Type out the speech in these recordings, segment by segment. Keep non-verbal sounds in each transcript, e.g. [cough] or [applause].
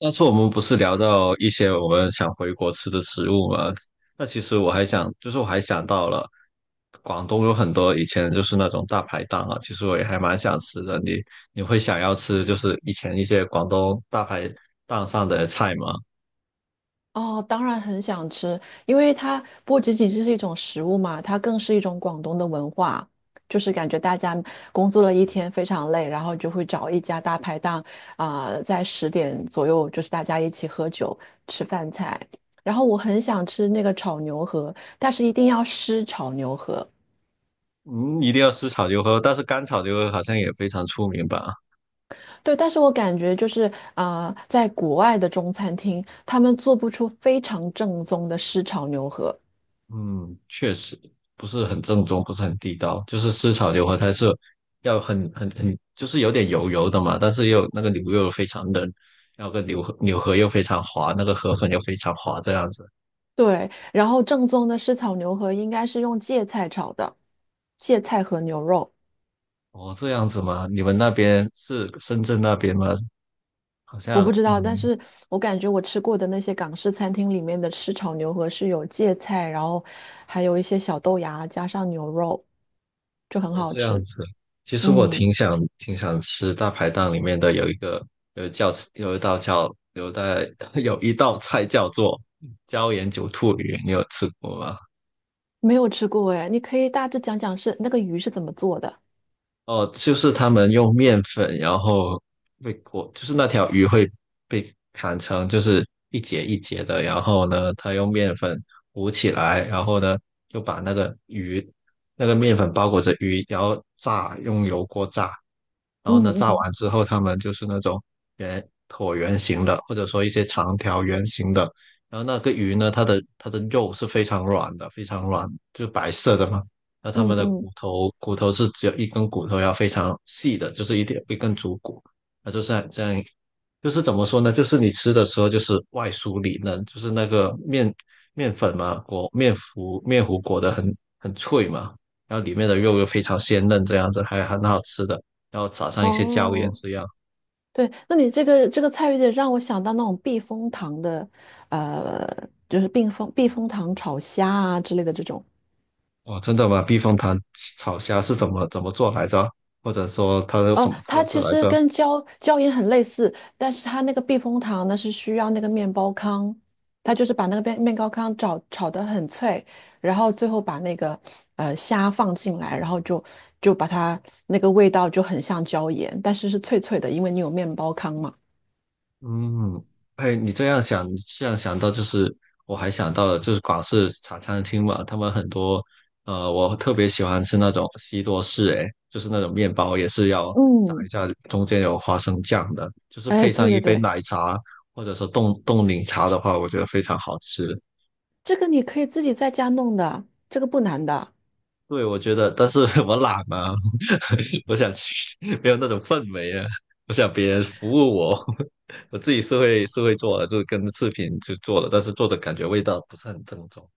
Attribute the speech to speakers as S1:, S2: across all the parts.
S1: 上次我们不是聊到一些我们想回国吃的食物吗？那其实我还想，就是我还想到了，广东有很多以前就是那种大排档啊，其实我也还蛮想吃的。你会想要吃就是以前一些广东大排档上的菜吗？
S2: 哦，当然很想吃，因为它不仅仅是一种食物嘛，它更是一种广东的文化。就是感觉大家工作了一天非常累，然后就会找一家大排档，在十点左右就是大家一起喝酒吃饭菜。然后我很想吃那个炒牛河，但是一定要湿炒牛河。
S1: 嗯，一定要吃炒牛河，但是干炒牛河好像也非常出名吧？
S2: 对，但是我感觉就是在国外的中餐厅，他们做不出非常正宗的湿炒牛河。
S1: 嗯，确实不是很正宗，不是很地道。就是湿炒牛河，它是要很，就是有点油油的嘛，但是又那个牛肉非常嫩，然后个牛河又非常滑，那个河粉又非常滑，这样子。
S2: 对，然后正宗的湿炒牛河应该是用芥菜炒的，芥菜和牛肉，
S1: 哦，这样子吗？你们那边是深圳那边吗？好
S2: 我
S1: 像，
S2: 不知道，但
S1: 嗯，
S2: 是我感觉我吃过的那些港式餐厅里面的湿炒牛河是有芥菜，然后还有一些小豆芽加上牛肉，就很
S1: 哦，
S2: 好
S1: 这样
S2: 吃。
S1: 子。其实我
S2: 嗯，
S1: 挺想吃大排档里面的有一个有一叫有一道叫有一道 [laughs] 有一道菜叫做椒盐九兔鱼，你有吃过吗？
S2: 没有吃过哎，你可以大致讲讲是那个鱼是怎么做的。
S1: 哦，就是他们用面粉，然后被裹，就是那条鱼会被砍成就是一节一节的，然后呢，他用面粉糊起来，然后呢，就把那个鱼，那个面粉包裹着鱼，然后炸，用油锅炸，然后
S2: 嗯
S1: 呢，炸完
S2: 嗯
S1: 之后，他们就是那种圆椭圆形的，或者说一些长条圆形的，然后那个鱼呢，它的肉是非常软的，非常软，就是白色的嘛。那它
S2: 嗯
S1: 们的
S2: 嗯。
S1: 骨头是只有一根骨头，要非常细的，就是一点一根足骨，那就是这样，就是怎么说呢？就是你吃的时候就是外酥里嫩，就是那个面粉嘛，裹面糊裹得很脆嘛，然后里面的肉又非常鲜嫩，这样子还很好吃的，然后撒上一些椒盐
S2: 哦。
S1: 这样。
S2: 对，那你这个这个菜有点让我想到那种避风塘的，呃，就是避风塘炒虾啊之类的这种。
S1: 哇，真的吗？避风塘炒虾是怎么做来着？或者说它有什
S2: 哦，
S1: 么
S2: 它
S1: 特色
S2: 其
S1: 来
S2: 实
S1: 着？
S2: 跟椒盐很类似，但是它那个避风塘呢是需要那个面包糠，它就是把那个面包糠炒得很脆，然后最后把那个虾放进来，然后就就把它那个味道就很像椒盐，但是是脆脆的，因为你有面包糠嘛。
S1: 嗯，哎，你这样想，这样想到就是，我还想到了，就是广式茶餐厅嘛，他们很多，我特别喜欢吃那种西多士，哎，就是那种面包也是要炸一
S2: 嗯，
S1: 下，中间有花生酱的，就是
S2: 哎，
S1: 配
S2: 对
S1: 上一
S2: 对
S1: 杯
S2: 对，
S1: 奶茶或者说冻柠茶的话，我觉得非常好吃。
S2: 这个你可以自己在家弄的，这个不难的。
S1: 对，我觉得，但是 [laughs] 我懒嘛，[laughs] 我想去，没有那种氛围啊，我想别人服务我，[laughs] 我自己是会做的，就跟视频就做了，但是做的感觉味道不是很正宗，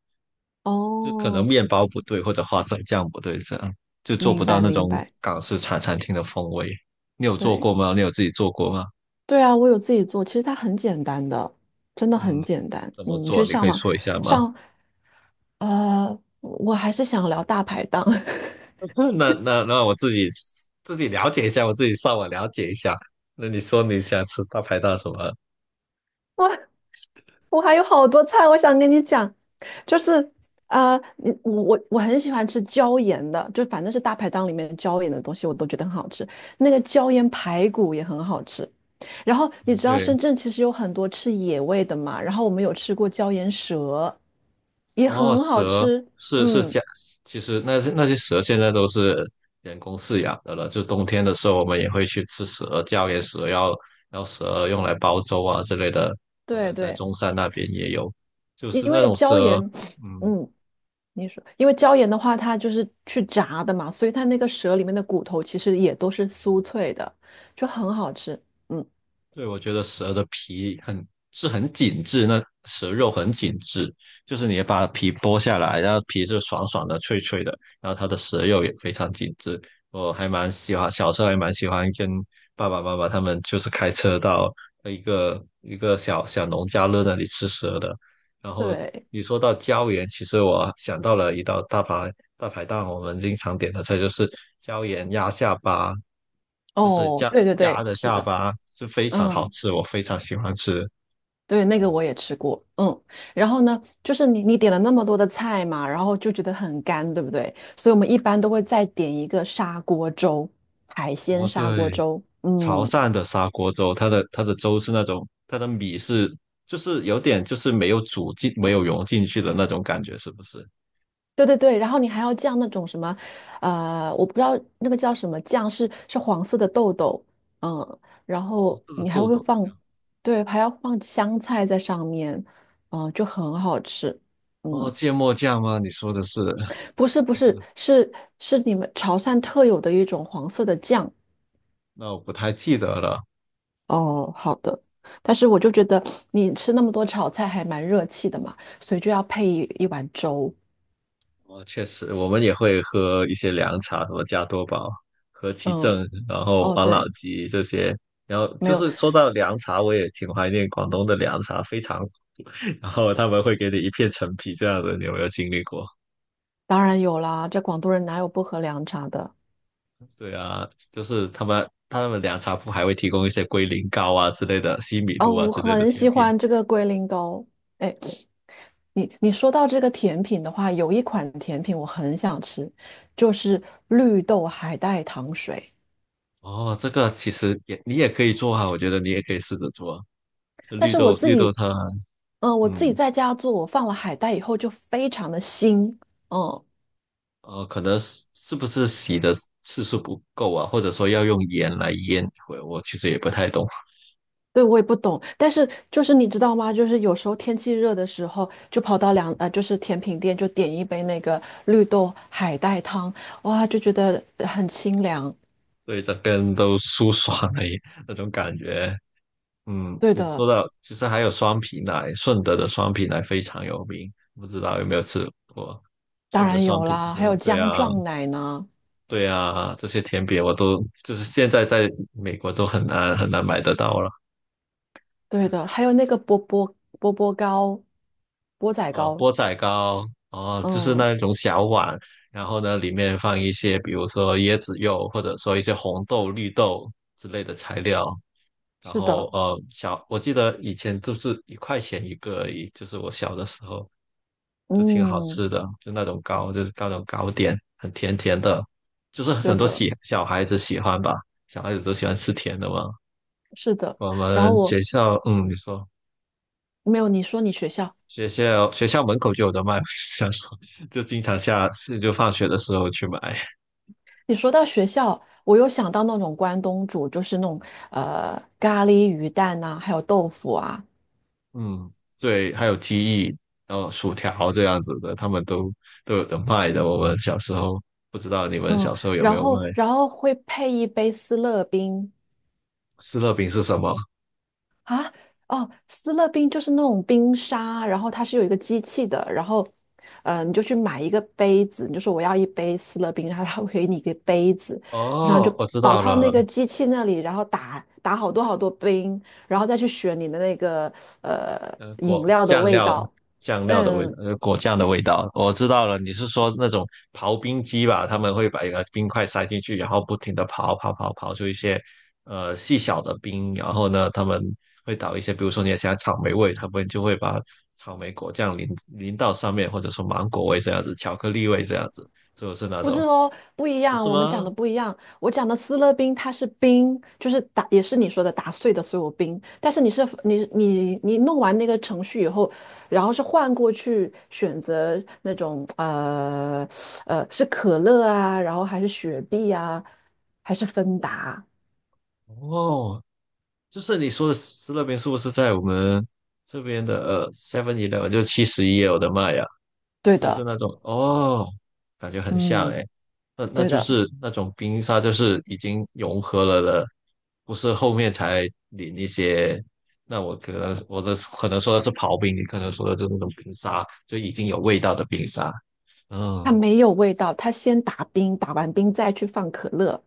S1: 就可能
S2: 哦，
S1: 面包不对或者花生酱不对，这样就做不
S2: 明
S1: 到
S2: 白
S1: 那
S2: 明
S1: 种
S2: 白。
S1: 港式茶餐厅的风味。你有做
S2: 对，
S1: 过吗？你有自己做过吗？
S2: 对啊，我有自己做，其实它很简单的，真的
S1: 嗯，
S2: 很简单。
S1: 怎么
S2: 嗯你去
S1: 做？你
S2: 上
S1: 可以
S2: 网
S1: 说一下吗？
S2: 上，我还是想聊大排档。
S1: [laughs] 那我自己了解一下，我自己上网了解一下。那你说你想吃大排档什么？
S2: [laughs] 我还有好多菜，我想跟你讲，就是你我很喜欢吃椒盐的，就反正是大排档里面椒盐的东西，我都觉得很好吃。那个椒盐排骨也很好吃。然后你
S1: 哦，
S2: 知道
S1: 对，
S2: 深圳其实有很多吃野味的嘛，然后我们有吃过椒盐蛇，也
S1: 哦，
S2: 很好
S1: 蛇
S2: 吃。
S1: 是
S2: 嗯，
S1: 家，其实那些蛇现在都是人工饲养的了。就冬天的时候，我们也会去吃蛇，叫给蛇要蛇用来煲粥啊之类的。我
S2: 对
S1: 们在
S2: 对，
S1: 中山那边也有，就
S2: 因
S1: 是那
S2: 为
S1: 种
S2: 椒
S1: 蛇，
S2: 盐，
S1: 嗯，
S2: 嗯。你说，因为椒盐的话，它就是去炸的嘛，所以它那个蛇里面的骨头其实也都是酥脆的，就很好吃。嗯，
S1: 对，我觉得蛇的皮很是很紧致，那蛇肉很紧致，就是你把皮剥下来，然后皮是爽爽的、脆脆的，然后它的蛇肉也非常紧致。我还蛮喜欢，小时候还蛮喜欢跟爸爸妈妈他们就是开车到一个一个小小农家乐那里吃蛇的。然后
S2: 对，
S1: 你说到椒盐，其实我想到了一道大排档，我们经常点的菜就是椒盐鸭下巴，就是
S2: 哦，
S1: 鸭
S2: 对对
S1: 鸭
S2: 对，
S1: 的
S2: 是
S1: 下
S2: 的，
S1: 巴是非常好
S2: 嗯，
S1: 吃，我非常喜欢吃。
S2: 对，那个我也吃过。嗯，然后呢，就是你你点了那么多的菜嘛，然后就觉得很干，对不对？所以我们一般都会再点一个砂锅粥，海鲜
S1: 哦，
S2: 砂锅
S1: 对，
S2: 粥。
S1: 潮
S2: 嗯，
S1: 汕的砂锅粥，它的粥是那种，它的米是就是有点就是没有煮进，没有融进去的那种感觉，是不是？
S2: 对对对，然后你还要酱那种什么，我不知道那个叫什么酱，是是黄色的豆豆，嗯，然
S1: 黄色
S2: 后
S1: 的
S2: 你还
S1: 豆
S2: 会
S1: 豆
S2: 放，
S1: 酱，
S2: 对，还要放香菜在上面，嗯，就很好吃，
S1: 哦，
S2: 嗯，
S1: 芥末酱吗？你说的是，[laughs]
S2: 不是不
S1: 不是，
S2: 是是是你们潮汕特有的一种黄色的酱，
S1: 那我不太记得了。
S2: 哦，好的，但是我就觉得你吃那么多炒菜还蛮热气的嘛，所以就要配一碗粥，
S1: 哦，确实，我们也会喝一些凉茶，什么加多宝、和其
S2: 嗯，
S1: 正，然后
S2: 哦
S1: 王老
S2: 对，
S1: 吉这些。然后
S2: 没
S1: 就
S2: 有，
S1: 是说到凉茶，我也挺怀念广东的凉茶，非常。[laughs] 然后他们会给你一片陈皮这样的，你有没有经历过？
S2: 当然有啦，这广东人哪有不喝凉茶的？
S1: 对啊，就是他们凉茶铺还会提供一些龟苓膏啊之类的、西米
S2: 哦，
S1: 露啊
S2: 我
S1: 之类的
S2: 很
S1: 甜
S2: 喜
S1: 品。
S2: 欢这个龟苓膏。哎，你你说到这个甜品的话，有一款甜品我很想吃，就是绿豆海带糖水。
S1: 哦，这个其实也你也可以做啊，我觉得你也可以试着做
S2: 但
S1: 绿
S2: 是我
S1: 豆
S2: 自
S1: 绿豆
S2: 己，
S1: 汤啊
S2: 我自己
S1: 嗯。
S2: 在家做，我放了海带以后就非常的腥。嗯，
S1: 可能是不是洗的次数不够啊，或者说要用盐来腌一会儿我其实也不太懂，
S2: 对，我也不懂。但是就是你知道吗？就是有时候天气热的时候，就跑到就是甜品店就点一杯那个绿豆海带汤，哇，就觉得很清凉。
S1: 对，整个人都舒爽了耶那种感觉。嗯，
S2: 对
S1: 你
S2: 的。
S1: 说到，其实还有双皮奶，顺德的双皮奶非常有名，不知道有没有吃过？
S2: 当
S1: 顺德
S2: 然
S1: 双
S2: 有
S1: 皮奶
S2: 啦，
S1: 知
S2: 还
S1: 道？
S2: 有
S1: 对
S2: 姜
S1: 啊，
S2: 撞奶呢，
S1: 对啊，这些甜品我都就是现在在美国都很难很难买得到了。
S2: 对的，还有那个波波波波糕、钵仔糕，
S1: 钵仔糕，哦，就是
S2: 嗯，
S1: 那种小碗，然后呢，里面放一些，比如说椰子肉，或者说一些红豆、绿豆之类的材料。然
S2: 是的，
S1: 后，小，我记得以前就是1块钱一个而已，就是我小的时候就挺好
S2: 嗯，
S1: 吃的，就那种糕，就是那种糕点，很甜甜的，就是
S2: 对
S1: 很多
S2: 的，
S1: 小孩子喜欢吧，小孩子都喜欢吃甜的嘛。
S2: 是的。
S1: 我
S2: 然后
S1: 们
S2: 我
S1: 学校，嗯，你说。
S2: 没有你说你学校，
S1: 学校门口就有的卖，[laughs] 我想说就经常下次就放学的时候去买。
S2: 你说到学校，我又想到那种关东煮，就是那种咖喱鱼蛋呐、还有豆腐啊，
S1: 嗯，对，还有鸡翼，然后薯条这样子的，他们都有的卖的。我们小时候不知道你们
S2: 嗯，
S1: 小时候有没
S2: 然
S1: 有卖？
S2: 后然后会配一杯思乐冰，
S1: 斯乐饼是什么？
S2: 啊，哦，斯乐冰就是那种冰沙，然后它是有一个机器的，然后，你就去买一个杯子，你就说我要一杯斯乐冰，然后它会给你一个杯子，然后就
S1: 哦，我知
S2: 跑
S1: 道
S2: 到那
S1: 了，
S2: 个机器那里，然后打好多好多冰，然后再去选你的那个饮
S1: 果
S2: 料的
S1: 酱
S2: 味
S1: 料
S2: 道，
S1: 酱料的味道，
S2: 嗯，
S1: 果酱的味道，我知道了。你是说那种刨冰机吧？他们会把一个冰块塞进去，然后不停的刨出一些细小的冰，然后呢，他们会倒一些，比如说你想要草莓味，他们就会把草莓果酱淋到上面，或者说芒果味这样子，巧克力味这样子，是不是那
S2: 不是
S1: 种？
S2: 哦，不一
S1: 不
S2: 样，
S1: 是
S2: 我们讲
S1: 吗？
S2: 的不一样。我讲的斯乐冰，它是冰，就是打，也是你说的打碎的所有冰。但是你是你弄完那个程序以后，然后是换过去选择那种是可乐啊，然后还是雪碧啊，还是芬达？
S1: 哦，就是你说的斯乐冰是不是在我们这边的Seven Eleven 就71也有的妈呀？
S2: 对
S1: 就是
S2: 的，
S1: 那种哦，感觉很像
S2: 嗯，
S1: 哎，那
S2: 对
S1: 就
S2: 的。
S1: 是那种冰沙，就是已经融合了的，不是后面才淋一些。那我可能我的可能说的是刨冰，你可能说的是那种冰沙，就已经有味道的冰沙。
S2: 它
S1: 嗯，
S2: 没有味道，它先打冰，打完冰再去放可乐。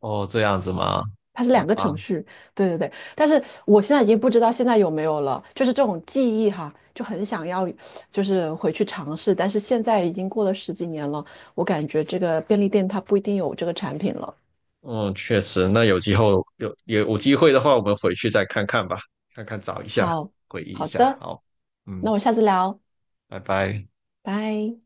S1: 哦，这样子吗？
S2: 它是
S1: 好
S2: 两个
S1: 吧，
S2: 程序，对对对。但是我现在已经不知道现在有没有了，就是这种记忆哈，就很想要，就是回去尝试。但是现在已经过了十几年了，我感觉这个便利店它不一定有这个产品了。
S1: 嗯，确实，那有机会有机会的话，我们回去再看看吧，看看找一下，
S2: 好，
S1: 回忆一
S2: 好
S1: 下。
S2: 的，
S1: 好，嗯，
S2: 那我下次聊，
S1: 拜拜。
S2: 拜。